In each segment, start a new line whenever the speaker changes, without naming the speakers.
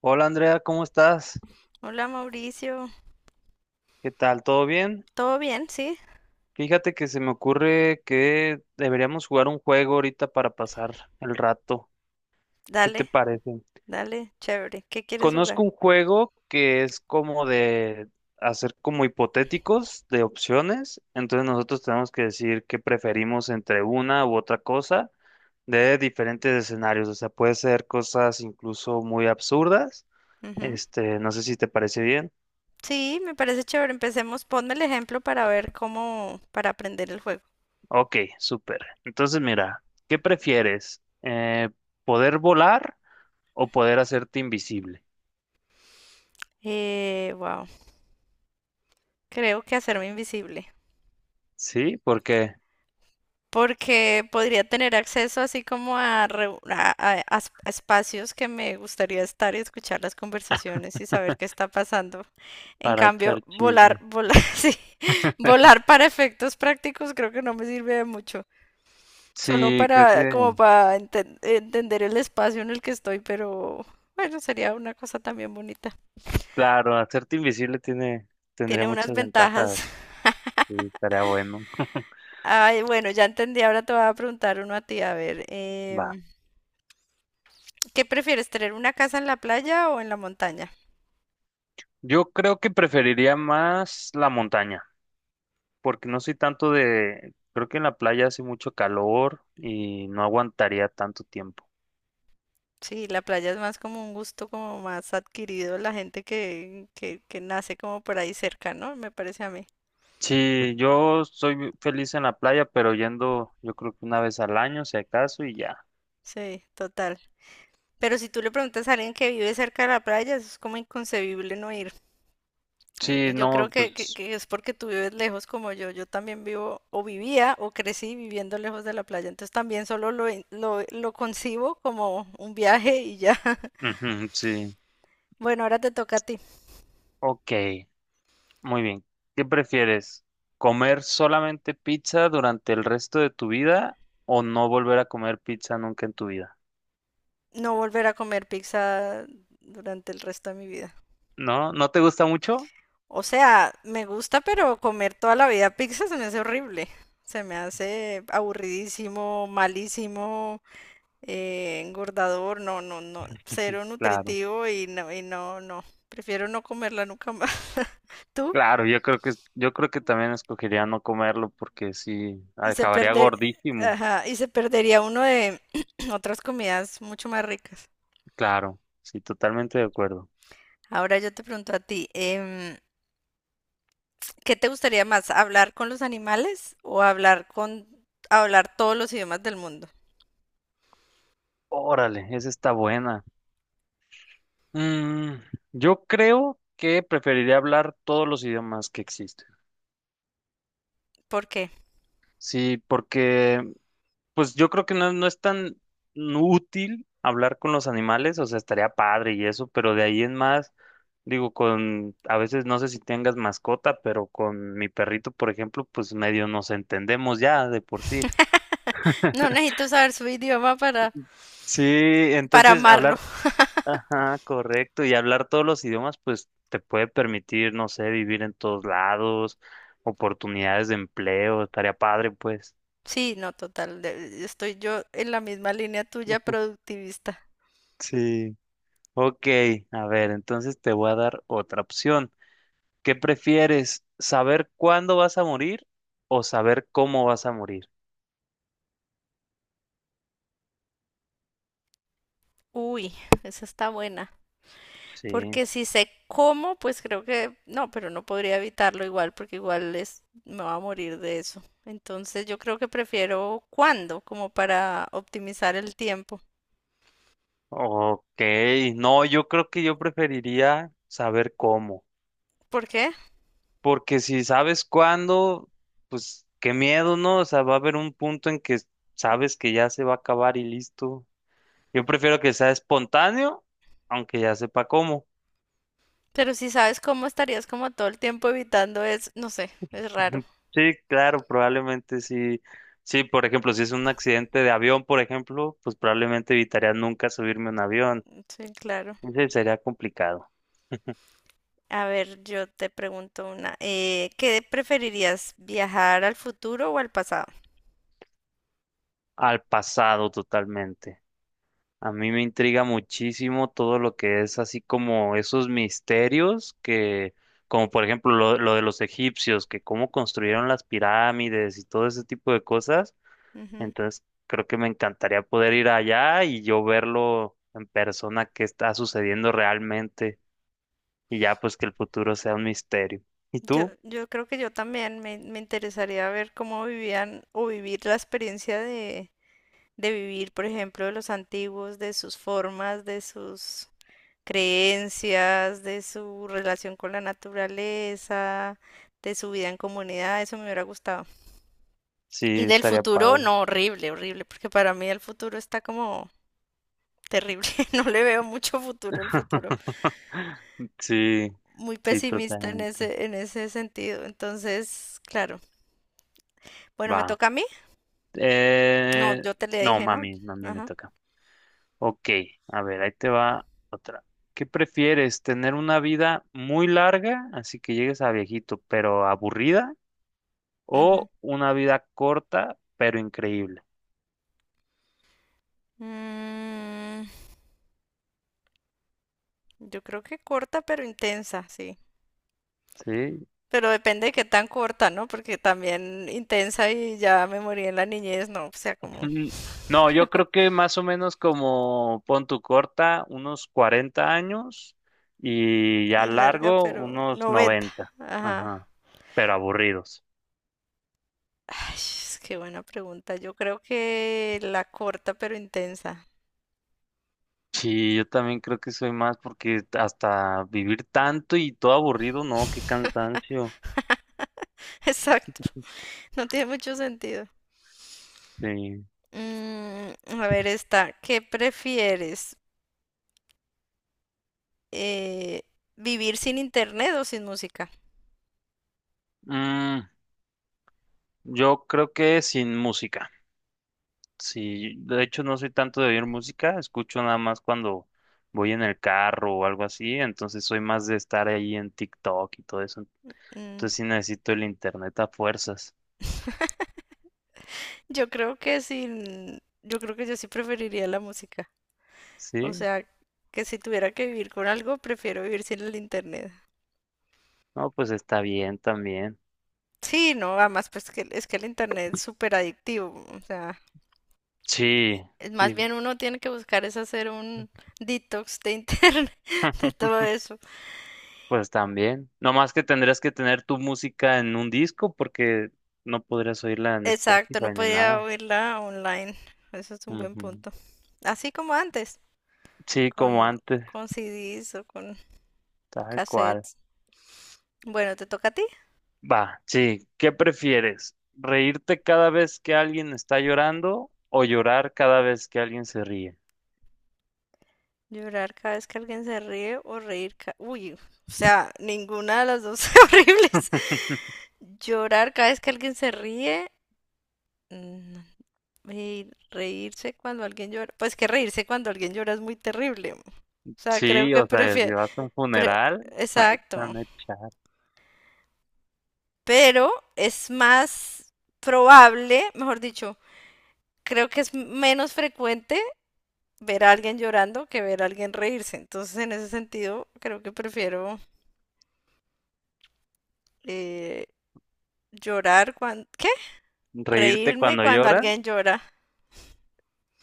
Hola Andrea, ¿cómo estás?
Hola Mauricio,
¿Qué tal? ¿Todo bien?
¿todo bien? Sí,
Fíjate que se me ocurre que deberíamos jugar un juego ahorita para pasar el rato. ¿Qué te
dale,
parece?
dale, chévere. ¿Qué quieres jugar?
Conozco un juego que es como de hacer como hipotéticos de opciones. Entonces nosotros tenemos que decir qué preferimos entre una u otra cosa de diferentes escenarios. O sea, puede ser cosas incluso muy absurdas.
Ujú.
Este, no sé si te parece bien.
Sí, me parece chévere. Empecemos, ponme el ejemplo para ver cómo, para aprender el juego.
Ok, súper. Entonces, mira, ¿qué prefieres? ¿Poder volar o poder hacerte invisible?
Wow, creo que hacerme invisible,
Sí, porque
porque podría tener acceso así como a, a espacios que me gustaría estar y escuchar las conversaciones y saber qué está pasando. En
para
cambio,
echar chisme.
volar, sí, volar para efectos prácticos creo que no me sirve de mucho. Solo
Sí, creo que,
para, como para entender el espacio en el que estoy, pero bueno, sería una cosa también bonita.
claro, hacerte invisible tiene, tendría
Tiene unas
muchas ventajas.
ventajas.
Sí, estaría bueno.
Ay, bueno, ya entendí. Ahora te voy a preguntar uno a ti. A ver,
Va.
¿qué prefieres, tener una casa en la playa o en la montaña?
Yo creo que preferiría más la montaña, porque no soy tanto de, creo que en la playa hace mucho calor y no aguantaría tanto tiempo.
Sí, la playa es más como un gusto como más adquirido la gente que nace como por ahí cerca, ¿no? Me parece a mí.
Sí, yo soy feliz en la playa, pero yendo yo creo que una vez al año, si acaso, y ya.
Sí, total. Pero si tú le preguntas a alguien que vive cerca de la playa, eso es como inconcebible no ir.
Sí,
Yo creo
no, pues,
que es porque tú vives lejos como yo. Yo también vivo o vivía o crecí viviendo lejos de la playa. Entonces también solo lo concibo como un viaje y ya.
ujú, sí.
Bueno, ahora te toca a ti.
Ok, muy bien. ¿Qué prefieres? ¿Comer solamente pizza durante el resto de tu vida o no volver a comer pizza nunca en tu vida?
No volver a comer pizza durante el resto de mi vida.
¿No? ¿No te gusta mucho?
O sea, me gusta, pero comer toda la vida pizza se me hace horrible. Se me hace aburridísimo, malísimo, engordador, no, no, no, cero
Claro.
nutritivo no. Prefiero no comerla nunca más. Tú
Claro, yo creo que también escogería no comerlo porque sí
y se
acabaría
perder,
gordísimo.
ajá, y se perdería uno de otras comidas mucho más ricas.
Claro, sí, totalmente de acuerdo.
Ahora yo te pregunto a ti, ¿qué te gustaría más, hablar con los animales o hablar todos los idiomas del mundo?
Órale, esa está buena. Mm, yo creo que preferiría hablar todos los idiomas que existen.
¿Por qué?
Sí, porque pues yo creo que no, no es tan útil hablar con los animales, o sea, estaría padre y eso, pero de ahí en más, digo, con, a veces no sé si tengas mascota, pero con mi perrito, por ejemplo, pues medio nos entendemos ya de por sí.
No necesito saber su idioma
Sí,
para
entonces
amarlo.
hablar. Ajá, correcto. Y hablar todos los idiomas, pues te puede permitir, no sé, vivir en todos lados, oportunidades de empleo, estaría padre, pues.
Sí, no, total, de- estoy yo en la misma línea tuya, productivista.
Sí. Ok, a ver, entonces te voy a dar otra opción. ¿Qué prefieres? ¿Saber cuándo vas a morir o saber cómo vas a morir?
Uy, esa está buena.
Sí.
Porque si sé cómo, pues creo que no, pero no podría evitarlo igual, porque igual es, me va a morir de eso. Entonces yo creo que prefiero cuándo, como para optimizar el tiempo.
Ok, no, yo creo que yo preferiría saber cómo.
¿Por qué?
Porque si sabes cuándo, pues qué miedo, ¿no? O sea, va a haber un punto en que sabes que ya se va a acabar y listo. Yo prefiero que sea espontáneo, aunque ya sepa cómo.
Pero si sabes cómo estarías como todo el tiempo evitando es, no sé, es raro.
Sí, claro, probablemente sí. Sí, por ejemplo, si es un accidente de avión, por ejemplo, pues probablemente evitaría nunca subirme a un avión.
Sí, claro.
Ese sería complicado.
A ver, yo te pregunto una. ¿Qué preferirías, viajar al futuro o al pasado?
Al pasado totalmente. A mí me intriga muchísimo todo lo que es así como esos misterios que, como por ejemplo lo de los egipcios, que cómo construyeron las pirámides y todo ese tipo de cosas.
Ujú.
Entonces, creo que me encantaría poder ir allá y yo verlo en persona qué está sucediendo realmente y ya pues que el futuro sea un misterio. ¿Y
Yo,
tú?
yo creo que yo también me interesaría ver cómo vivían o vivir la experiencia de vivir, por ejemplo, de los antiguos, de sus formas, de sus creencias, de su relación con la naturaleza, de su vida en comunidad, eso me hubiera gustado.
Sí,
Y del
estaría
futuro,
padre.
no, horrible, horrible, porque para mí el futuro está como terrible, no le veo mucho futuro al futuro,
Sí,
muy
sí,
pesimista en
totalmente.
ese sentido, entonces, claro. Bueno, ¿me
Va.
toca a mí? No,
Eh,
yo te le
no,
dije, ¿no?
mami, mami me
Ajá.
toca. Ok, a ver, ahí te va otra. ¿Qué prefieres? ¿Tener una vida muy larga, así que llegues a viejito, pero aburrida?
Ujú.
¿O una vida corta, pero increíble?
Mm, yo creo que corta pero intensa, sí.
Sí.
Pero depende de qué tan corta, ¿no? Porque también intensa y ya me morí en la niñez, no, o sea, como
Mm, no, yo creo que más o menos como pon tu corta, unos 40 años y ya
y larga,
largo,
pero
unos
90.
90.
Ajá.
Ajá, pero aburridos.
Ay, es que buena pregunta. Yo creo que la corta pero intensa.
Sí, yo también creo que soy más porque hasta vivir tanto y todo aburrido, no, qué cansancio.
Exacto. No tiene mucho sentido.
Sí.
Mm, a ver, esta. ¿Qué prefieres? Eh, ¿Vivir sin internet o sin música?
Mm, yo creo que sin música. Sí, de hecho no soy tanto de oír música, escucho nada más cuando voy en el carro o algo así, entonces soy más de estar ahí en TikTok y todo eso.
Mm,
Entonces sí necesito el internet a fuerzas.
yo creo que sin... Yo creo que yo sí preferiría la música. O
Sí,
sea, que si tuviera que vivir con algo, prefiero vivir sin el internet.
no, pues está bien también.
Sí, no, además, pues que es que el internet es súper adictivo. O sea,
Sí,
es más
sí.
bien uno tiene que buscar es hacer un detox de internet, de todo eso.
Pues también. No más que tendrías que tener tu música en un disco porque no podrías oírla en
Exacto, no
Spotify ni
podía
nada.
oírla online. Eso es un buen
Ujú.
punto. Así como antes,
Sí,
con,
como antes,
con CDs o con
tal cual.
cassettes. Bueno, ¿te toca a ti?
Va, sí. ¿Qué prefieres? ¿Reírte cada vez que alguien está llorando o llorar cada vez que alguien se ríe?
Llorar cada vez que alguien se ríe o reír ca- Uy, o sea, ninguna de las dos son horribles. Llorar cada vez que alguien se ríe. mm, Y reírse cuando alguien llora. Pues que reírse cuando alguien llora es muy terrible. O sea, creo
Sí,
que
o sea, si
prefiero...
vas a un funeral, ahí
Exacto.
están a echar.
Pero es más probable, mejor dicho, creo que es menos frecuente ver a alguien llorando que ver a alguien reírse. Entonces, en ese sentido, creo que prefiero... eh, llorar cuando... ¿Qué?
¿Reírte
Reírme
cuando
cuando
llora?
alguien llora.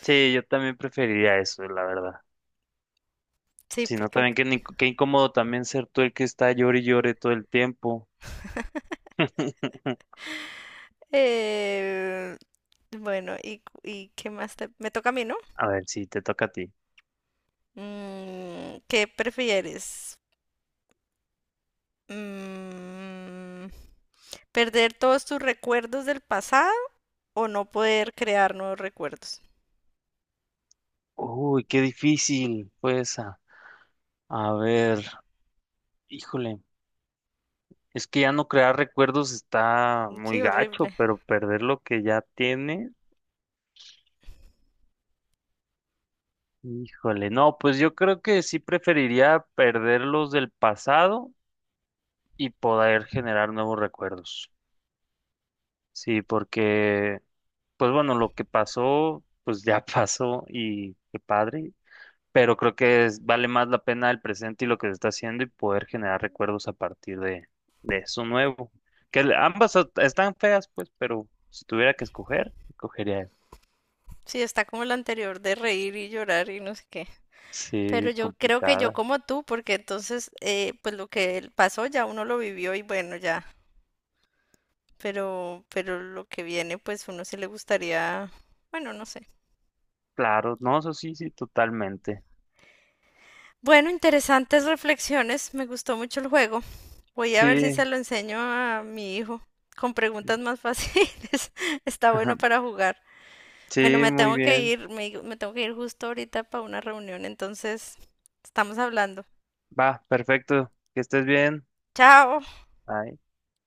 Sí, yo también preferiría eso, la verdad.
Sí,
Si no,
porque...
también qué, qué incómodo también ser tú el que está llore y llore todo el tiempo.
eh, bueno, y qué más te... Me toca a mí, ¿no?
A ver, si te toca a ti.
¿Qué prefieres? Mm, ¿Perder todos tus recuerdos del pasado o no poder crear nuevos recuerdos?
Uy, qué difícil fue esa. A ver, híjole, es que ya no crear recuerdos está
Sí,
muy gacho,
horrible.
pero perder lo que ya tiene, híjole, no, pues yo creo que sí preferiría perder los del pasado y poder generar nuevos recuerdos. Sí, porque, pues bueno, lo que pasó, pues ya pasó y qué padre, pero creo que vale más la pena el presente y lo que se está haciendo y poder generar recuerdos a partir de eso nuevo. Que ambas están feas, pues, pero si tuviera que escoger, escogería eso.
Sí, está como el anterior de reír y llorar y no sé qué.
Sí,
Pero yo creo que yo
complicada.
como tú, porque entonces, pues lo que pasó ya uno lo vivió y bueno, ya pero lo que viene, pues uno sí le gustaría, bueno, no sé.
Claro, no, eso sí, sí, totalmente.
Bueno, interesantes reflexiones, me gustó mucho el juego. Voy a ver si
Sí,
se lo enseño a mi hijo con preguntas más fáciles. Está bueno para jugar. Bueno,
sí,
me
muy
tengo que
bien.
ir, me tengo que ir justo ahorita para una reunión, entonces estamos hablando.
Va, perfecto. Que estés bien.
Chao.
Bye.